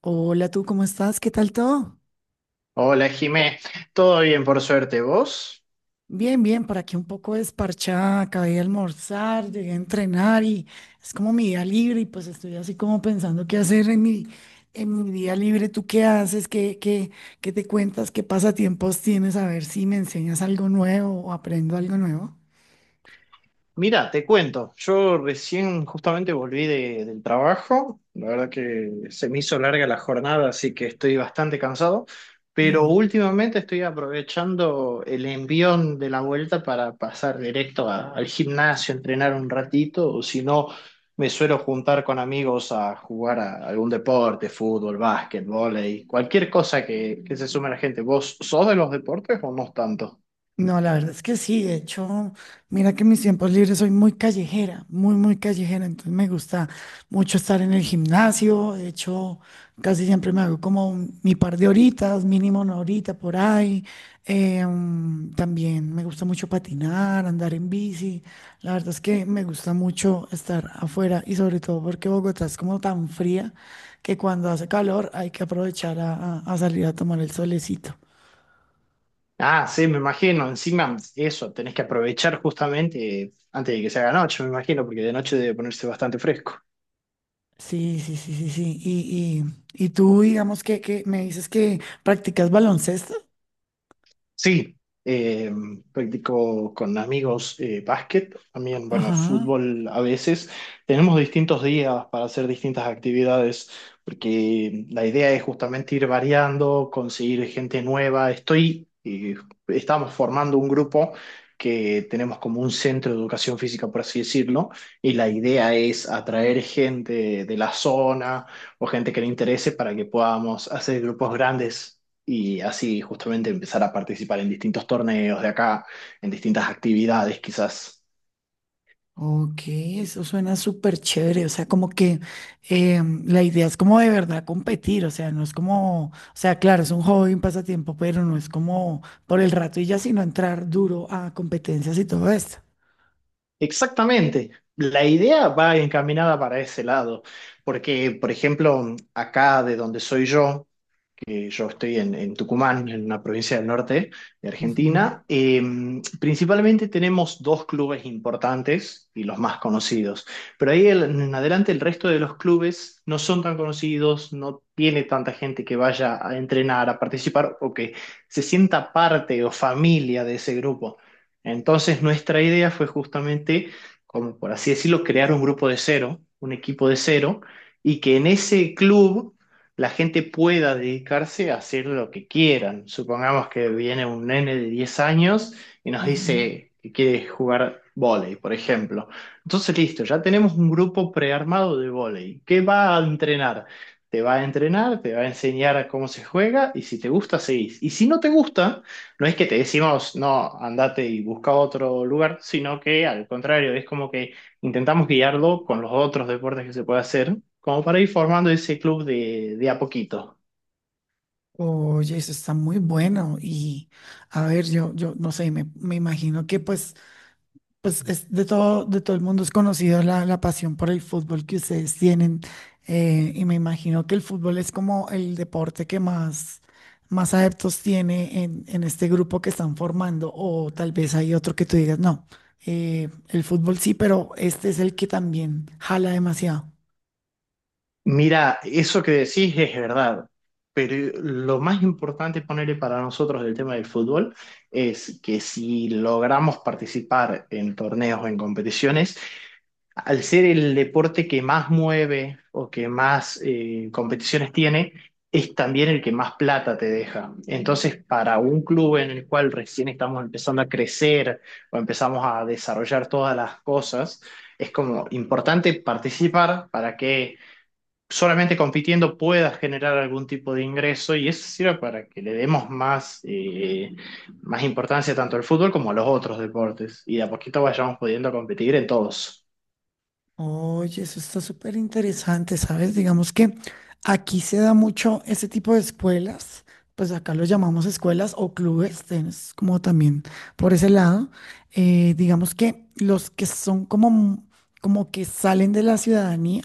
Hola, ¿tú cómo estás? ¿Qué tal todo? Hola Jimé, todo bien por suerte. ¿Vos? Bien, bien, por aquí un poco desparchada, acabé de almorzar, llegué a entrenar y es como mi día libre y pues estoy así como pensando qué hacer en en mi día libre. ¿Tú qué haces? ¿Qué te cuentas? ¿Qué pasatiempos tienes? A ver si me enseñas algo nuevo o aprendo algo nuevo. Mira, te cuento, yo recién justamente del trabajo, la verdad que se me hizo larga la jornada, así que estoy bastante cansado, pero Mm. últimamente estoy aprovechando el envión de la vuelta para pasar directo al gimnasio, entrenar un ratito, o si no, me suelo juntar con amigos a jugar a algún deporte, fútbol, básquet, vóley, cualquier cosa que se sume a la gente. ¿Vos sos de los deportes o no tanto? No, la verdad es que sí, de hecho, mira que en mis tiempos libres soy muy callejera, muy callejera, entonces me gusta mucho estar en el gimnasio, de hecho, casi siempre me hago como mi par de horitas, mínimo una horita por ahí. También me gusta mucho patinar, andar en bici. La verdad es que me gusta mucho estar afuera y sobre todo porque Bogotá es como tan fría que cuando hace calor hay que aprovechar a a salir a tomar el solecito. Ah, sí, me imagino. Encima, eso, tenés que aprovechar justamente antes de que se haga noche, me imagino, porque de noche debe ponerse bastante fresco. Sí, sí, sí, sí, sí. Y tú, digamos que me dices que practicas baloncesto. Sí, eh, practico con amigos básquet, también, bueno, Ajá. fútbol a veces. Tenemos distintos días para hacer distintas actividades, porque la idea es justamente ir variando, conseguir gente nueva. Estamos formando un grupo que tenemos como un centro de educación física, por así decirlo, y la idea es atraer gente de la zona o gente que le interese para que podamos hacer grupos grandes y así justamente empezar a participar en distintos torneos de acá, en distintas actividades quizás. Ok, eso suena súper chévere. O sea, como que la idea es como de verdad competir. O sea, no es como, o sea, claro, es un hobby, un pasatiempo, pero no es como por el rato y ya, sino entrar duro a competencias y todo esto. Exactamente, la idea va encaminada para ese lado, porque por ejemplo, acá de donde soy yo, que yo estoy en Tucumán, en una provincia del norte de Ujú, Argentina. Principalmente tenemos dos clubes importantes y los más conocidos, pero ahí en adelante el resto de los clubes no son tan conocidos, no tiene tanta gente que vaya a entrenar, a participar o que se sienta parte o familia de ese grupo. Entonces nuestra idea fue justamente, como por así decirlo, crear un grupo de cero, un equipo de cero, y que en ese club la gente pueda dedicarse a hacer lo que quieran. Supongamos que viene un nene de 10 años y nos ujú. dice que quiere jugar vóley, por ejemplo. Entonces, listo, ya tenemos un grupo prearmado de vóley. ¿Qué va a entrenar? Te va a entrenar, te va a enseñar cómo se juega y si te gusta, seguís. Y si no te gusta, no es que te decimos, no, andate y busca otro lugar, sino que al contrario, es como que intentamos guiarlo con los otros deportes que se puede hacer, como para ir formando ese club de a poquito. Oye, eso está muy bueno. Y a ver, yo no sé, me imagino que pues pues es de todo el mundo es conocido la pasión por el fútbol que ustedes tienen. Eh, y me imagino que el fútbol es como el deporte que más adeptos tiene en este grupo que están formando. O tal vez hay otro que tú digas, no, el fútbol sí, pero este es el que también jala demasiado. Mira, eso que decís es verdad, pero lo más importante ponerle para nosotros del tema del fútbol es que si logramos participar en torneos o en competiciones, al ser el deporte que más mueve o que más competiciones tiene, es también el que más plata te deja. Entonces, para un club en el cual recién estamos empezando a crecer o empezamos a desarrollar todas las cosas, es como importante participar para que solamente compitiendo puedas generar algún tipo de ingreso y eso sirve para que le demos más, más importancia tanto al fútbol como a los otros deportes y de a poquito vayamos pudiendo competir en todos. Oye, eso está súper interesante, ¿sabes? Digamos que aquí se da mucho ese tipo de escuelas, pues acá lo llamamos escuelas o clubes, tienes como también por ese lado. Digamos que los que son como, como que salen de la ciudadanía,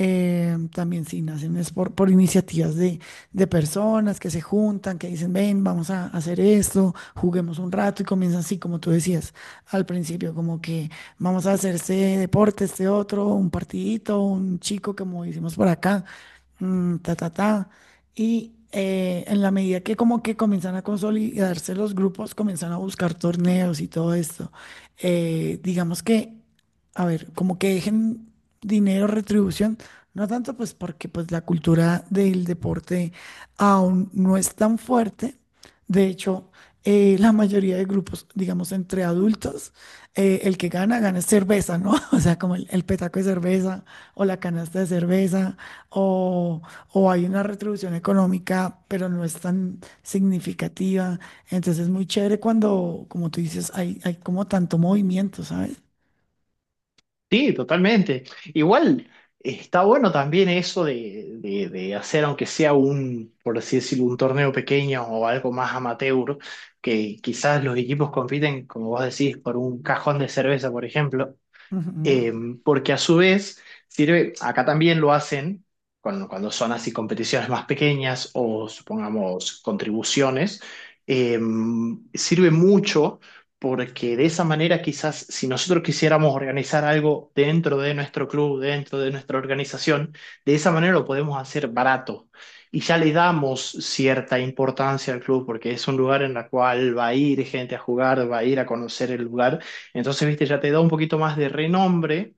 también sí nacen es por iniciativas de personas que se juntan, que dicen, ven, vamos a hacer esto, juguemos un rato y comienzan así, como tú decías al principio, como que vamos a hacer este deporte, este otro, un partidito, un chico como hicimos por acá, mm, ta, ta, ta. Y en la medida que como que comienzan a consolidarse los grupos, comienzan a buscar torneos y todo esto. Digamos que, a ver, como que dejen dinero, retribución, no tanto pues porque pues la cultura del deporte aún no es tan fuerte. De hecho, la mayoría de grupos, digamos, entre adultos, el que gana, gana cerveza, ¿no? O sea, como el petaco de cerveza o la canasta de cerveza o, o hay una retribución económica, pero no es tan significativa. Entonces es muy chévere cuando, como tú dices, hay como tanto movimiento, ¿sabes? Sí, totalmente. Igual está bueno también eso de hacer, aunque sea un, por así decirlo, un torneo pequeño o algo más amateur, que quizás los equipos compiten, como vos decís, por un cajón de cerveza, por ejemplo, Ujú. eh, porque a su vez sirve, acá también lo hacen cuando son así competiciones más pequeñas o supongamos contribuciones, eh, sirve mucho porque de esa manera quizás si nosotros quisiéramos organizar algo dentro de nuestro club, dentro de nuestra organización, de esa manera lo podemos hacer barato. Y ya le damos cierta importancia al club porque es un lugar en el cual va a ir gente a jugar, va a ir a conocer el lugar. Entonces, viste, ya te da un poquito más de renombre,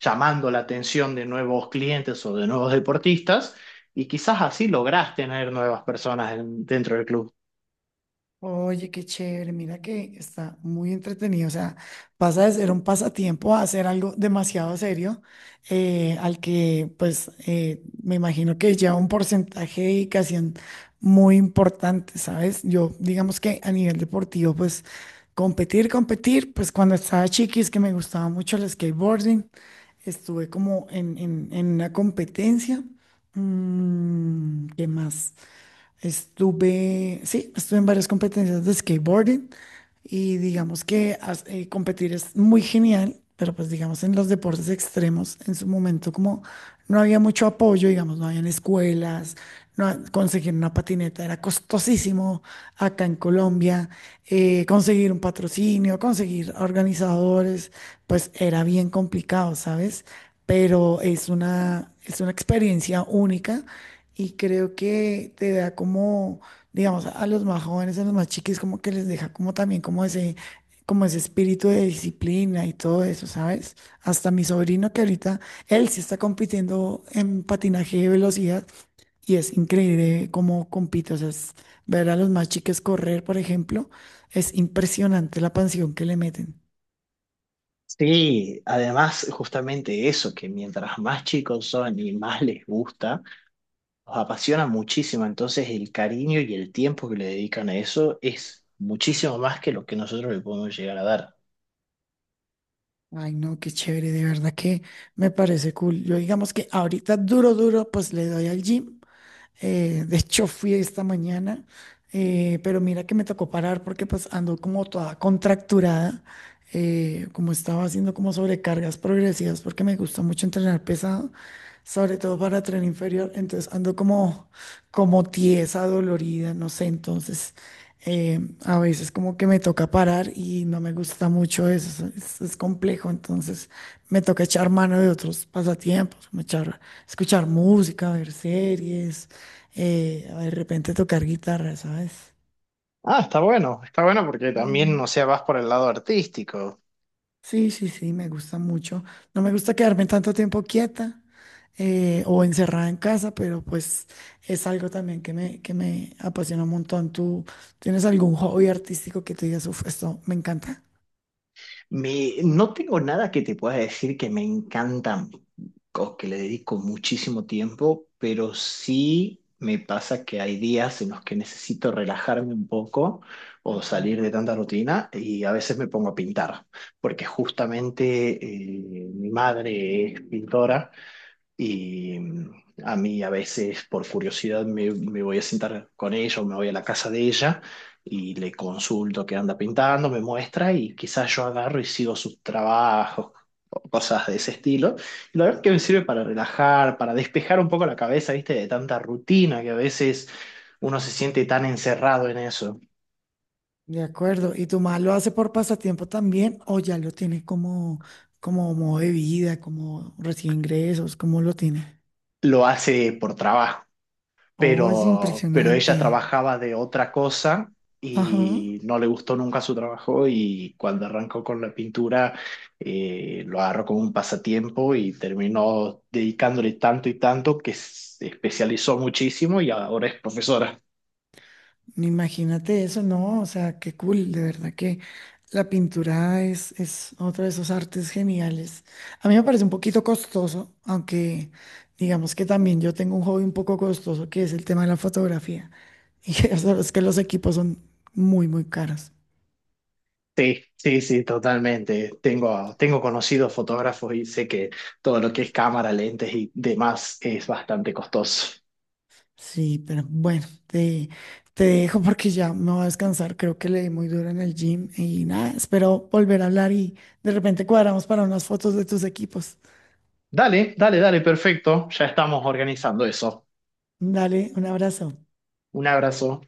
llamando la atención de nuevos clientes o de nuevos deportistas, y quizás así lográs tener nuevas personas dentro del club. Oye, qué chévere, mira que está muy entretenido, o sea, pasa de ser un pasatiempo a hacer algo demasiado serio, al que pues me imagino que lleva un porcentaje de dedicación muy importante, ¿sabes? Yo digamos que a nivel deportivo, pues competir, competir, pues cuando estaba chiqui es que me gustaba mucho el skateboarding, estuve como en una competencia. Mm, ¿qué más? Estuve, sí, estuve en varias competencias de skateboarding y digamos que competir es muy genial, pero pues digamos en los deportes extremos, en su momento como no había mucho apoyo, digamos, no habían escuelas, no, conseguir una patineta era costosísimo acá en Colombia, conseguir un patrocinio, conseguir organizadores, pues era bien complicado, ¿sabes? Pero es es una experiencia única y creo que te da como, digamos, a los más jóvenes, a los más chiquis, como que les deja como también como como ese espíritu de disciplina y todo eso, ¿sabes? Hasta mi sobrino que ahorita, él sí está compitiendo en patinaje de velocidad y es increíble cómo compite. O sea, es ver a los más chiques correr, por ejemplo, es impresionante la pasión que le meten. Sí, además justamente eso, que mientras más chicos son y más les gusta, los apasiona muchísimo, entonces el cariño y el tiempo que le dedican a eso es muchísimo más que lo que nosotros le podemos llegar a dar. Ay, no, qué chévere, de verdad que me parece cool. Yo digamos que ahorita duro, duro, pues le doy al gym. De hecho, fui esta mañana, pero mira que me tocó parar porque pues ando como toda contracturada, como estaba haciendo como sobrecargas progresivas porque me gusta mucho entrenar pesado, sobre todo para tren inferior, entonces ando como, como tiesa, dolorida, no sé, entonces eh, a veces como que me toca parar y no me gusta mucho eso, es complejo, entonces me toca echar mano de otros pasatiempos, como echar escuchar música, ver series, de repente tocar guitarra, ¿sabes? Ah, está bueno porque también, o Mm, sea, vas por el lado artístico. sí, sí, sí, me gusta mucho. No me gusta quedarme tanto tiempo quieta o encerrada en casa, pero pues es algo también que que me apasiona un montón. ¿Tú tienes algún hobby artístico que te digas, uff, esto me encanta? No tengo nada que te pueda decir que me encantan o que le dedico muchísimo tiempo, pero sí me pasa que hay días en los que necesito relajarme un poco o Ajá. salir de tanta rutina y a veces me pongo a pintar, porque justamente mi madre es pintora. Y mm, a mí a veces por curiosidad me voy a sentar con ella o me voy a la casa de ella y le consulto qué anda pintando, me muestra y quizás yo agarro y sigo sus trabajos, o cosas de ese estilo. Y la verdad que me sirve para relajar, para despejar un poco la cabeza, viste, de tanta rutina que a veces uno se siente tan encerrado en eso. De acuerdo. ¿Y tu mamá lo hace por pasatiempo también o ya lo tiene como, como modo de vida, como recibe ingresos? ¿Cómo lo tiene? Lo hace por trabajo. Oye, Pero ella impresionante. trabajaba de otra cosa Ajá. y no le gustó nunca su trabajo y cuando arrancó con la pintura lo agarró como un pasatiempo y terminó dedicándole tanto y tanto que se especializó muchísimo y ahora es profesora. Imagínate eso, ¿no? O sea, qué cool, de verdad que la pintura es otro de esos artes geniales. A mí me parece un poquito costoso, aunque digamos que también yo tengo un hobby un poco costoso, que es el tema de la fotografía. Y que, o que los equipos son muy, muy caros. Sí, sí, sí, totalmente. Tengo conocidos fotógrafos y sé que todo lo que es cámara, lentes y demás es bastante costoso. Sí, pero bueno, te dejo porque ya me voy a descansar. Creo que le di muy duro en el gym y nada, espero volver a hablar y de repente cuadramos para unas fotos de tus equipos. Dale, dale, dale, perfecto. Ya estamos organizando eso. Dale, un abrazo. Un abrazo.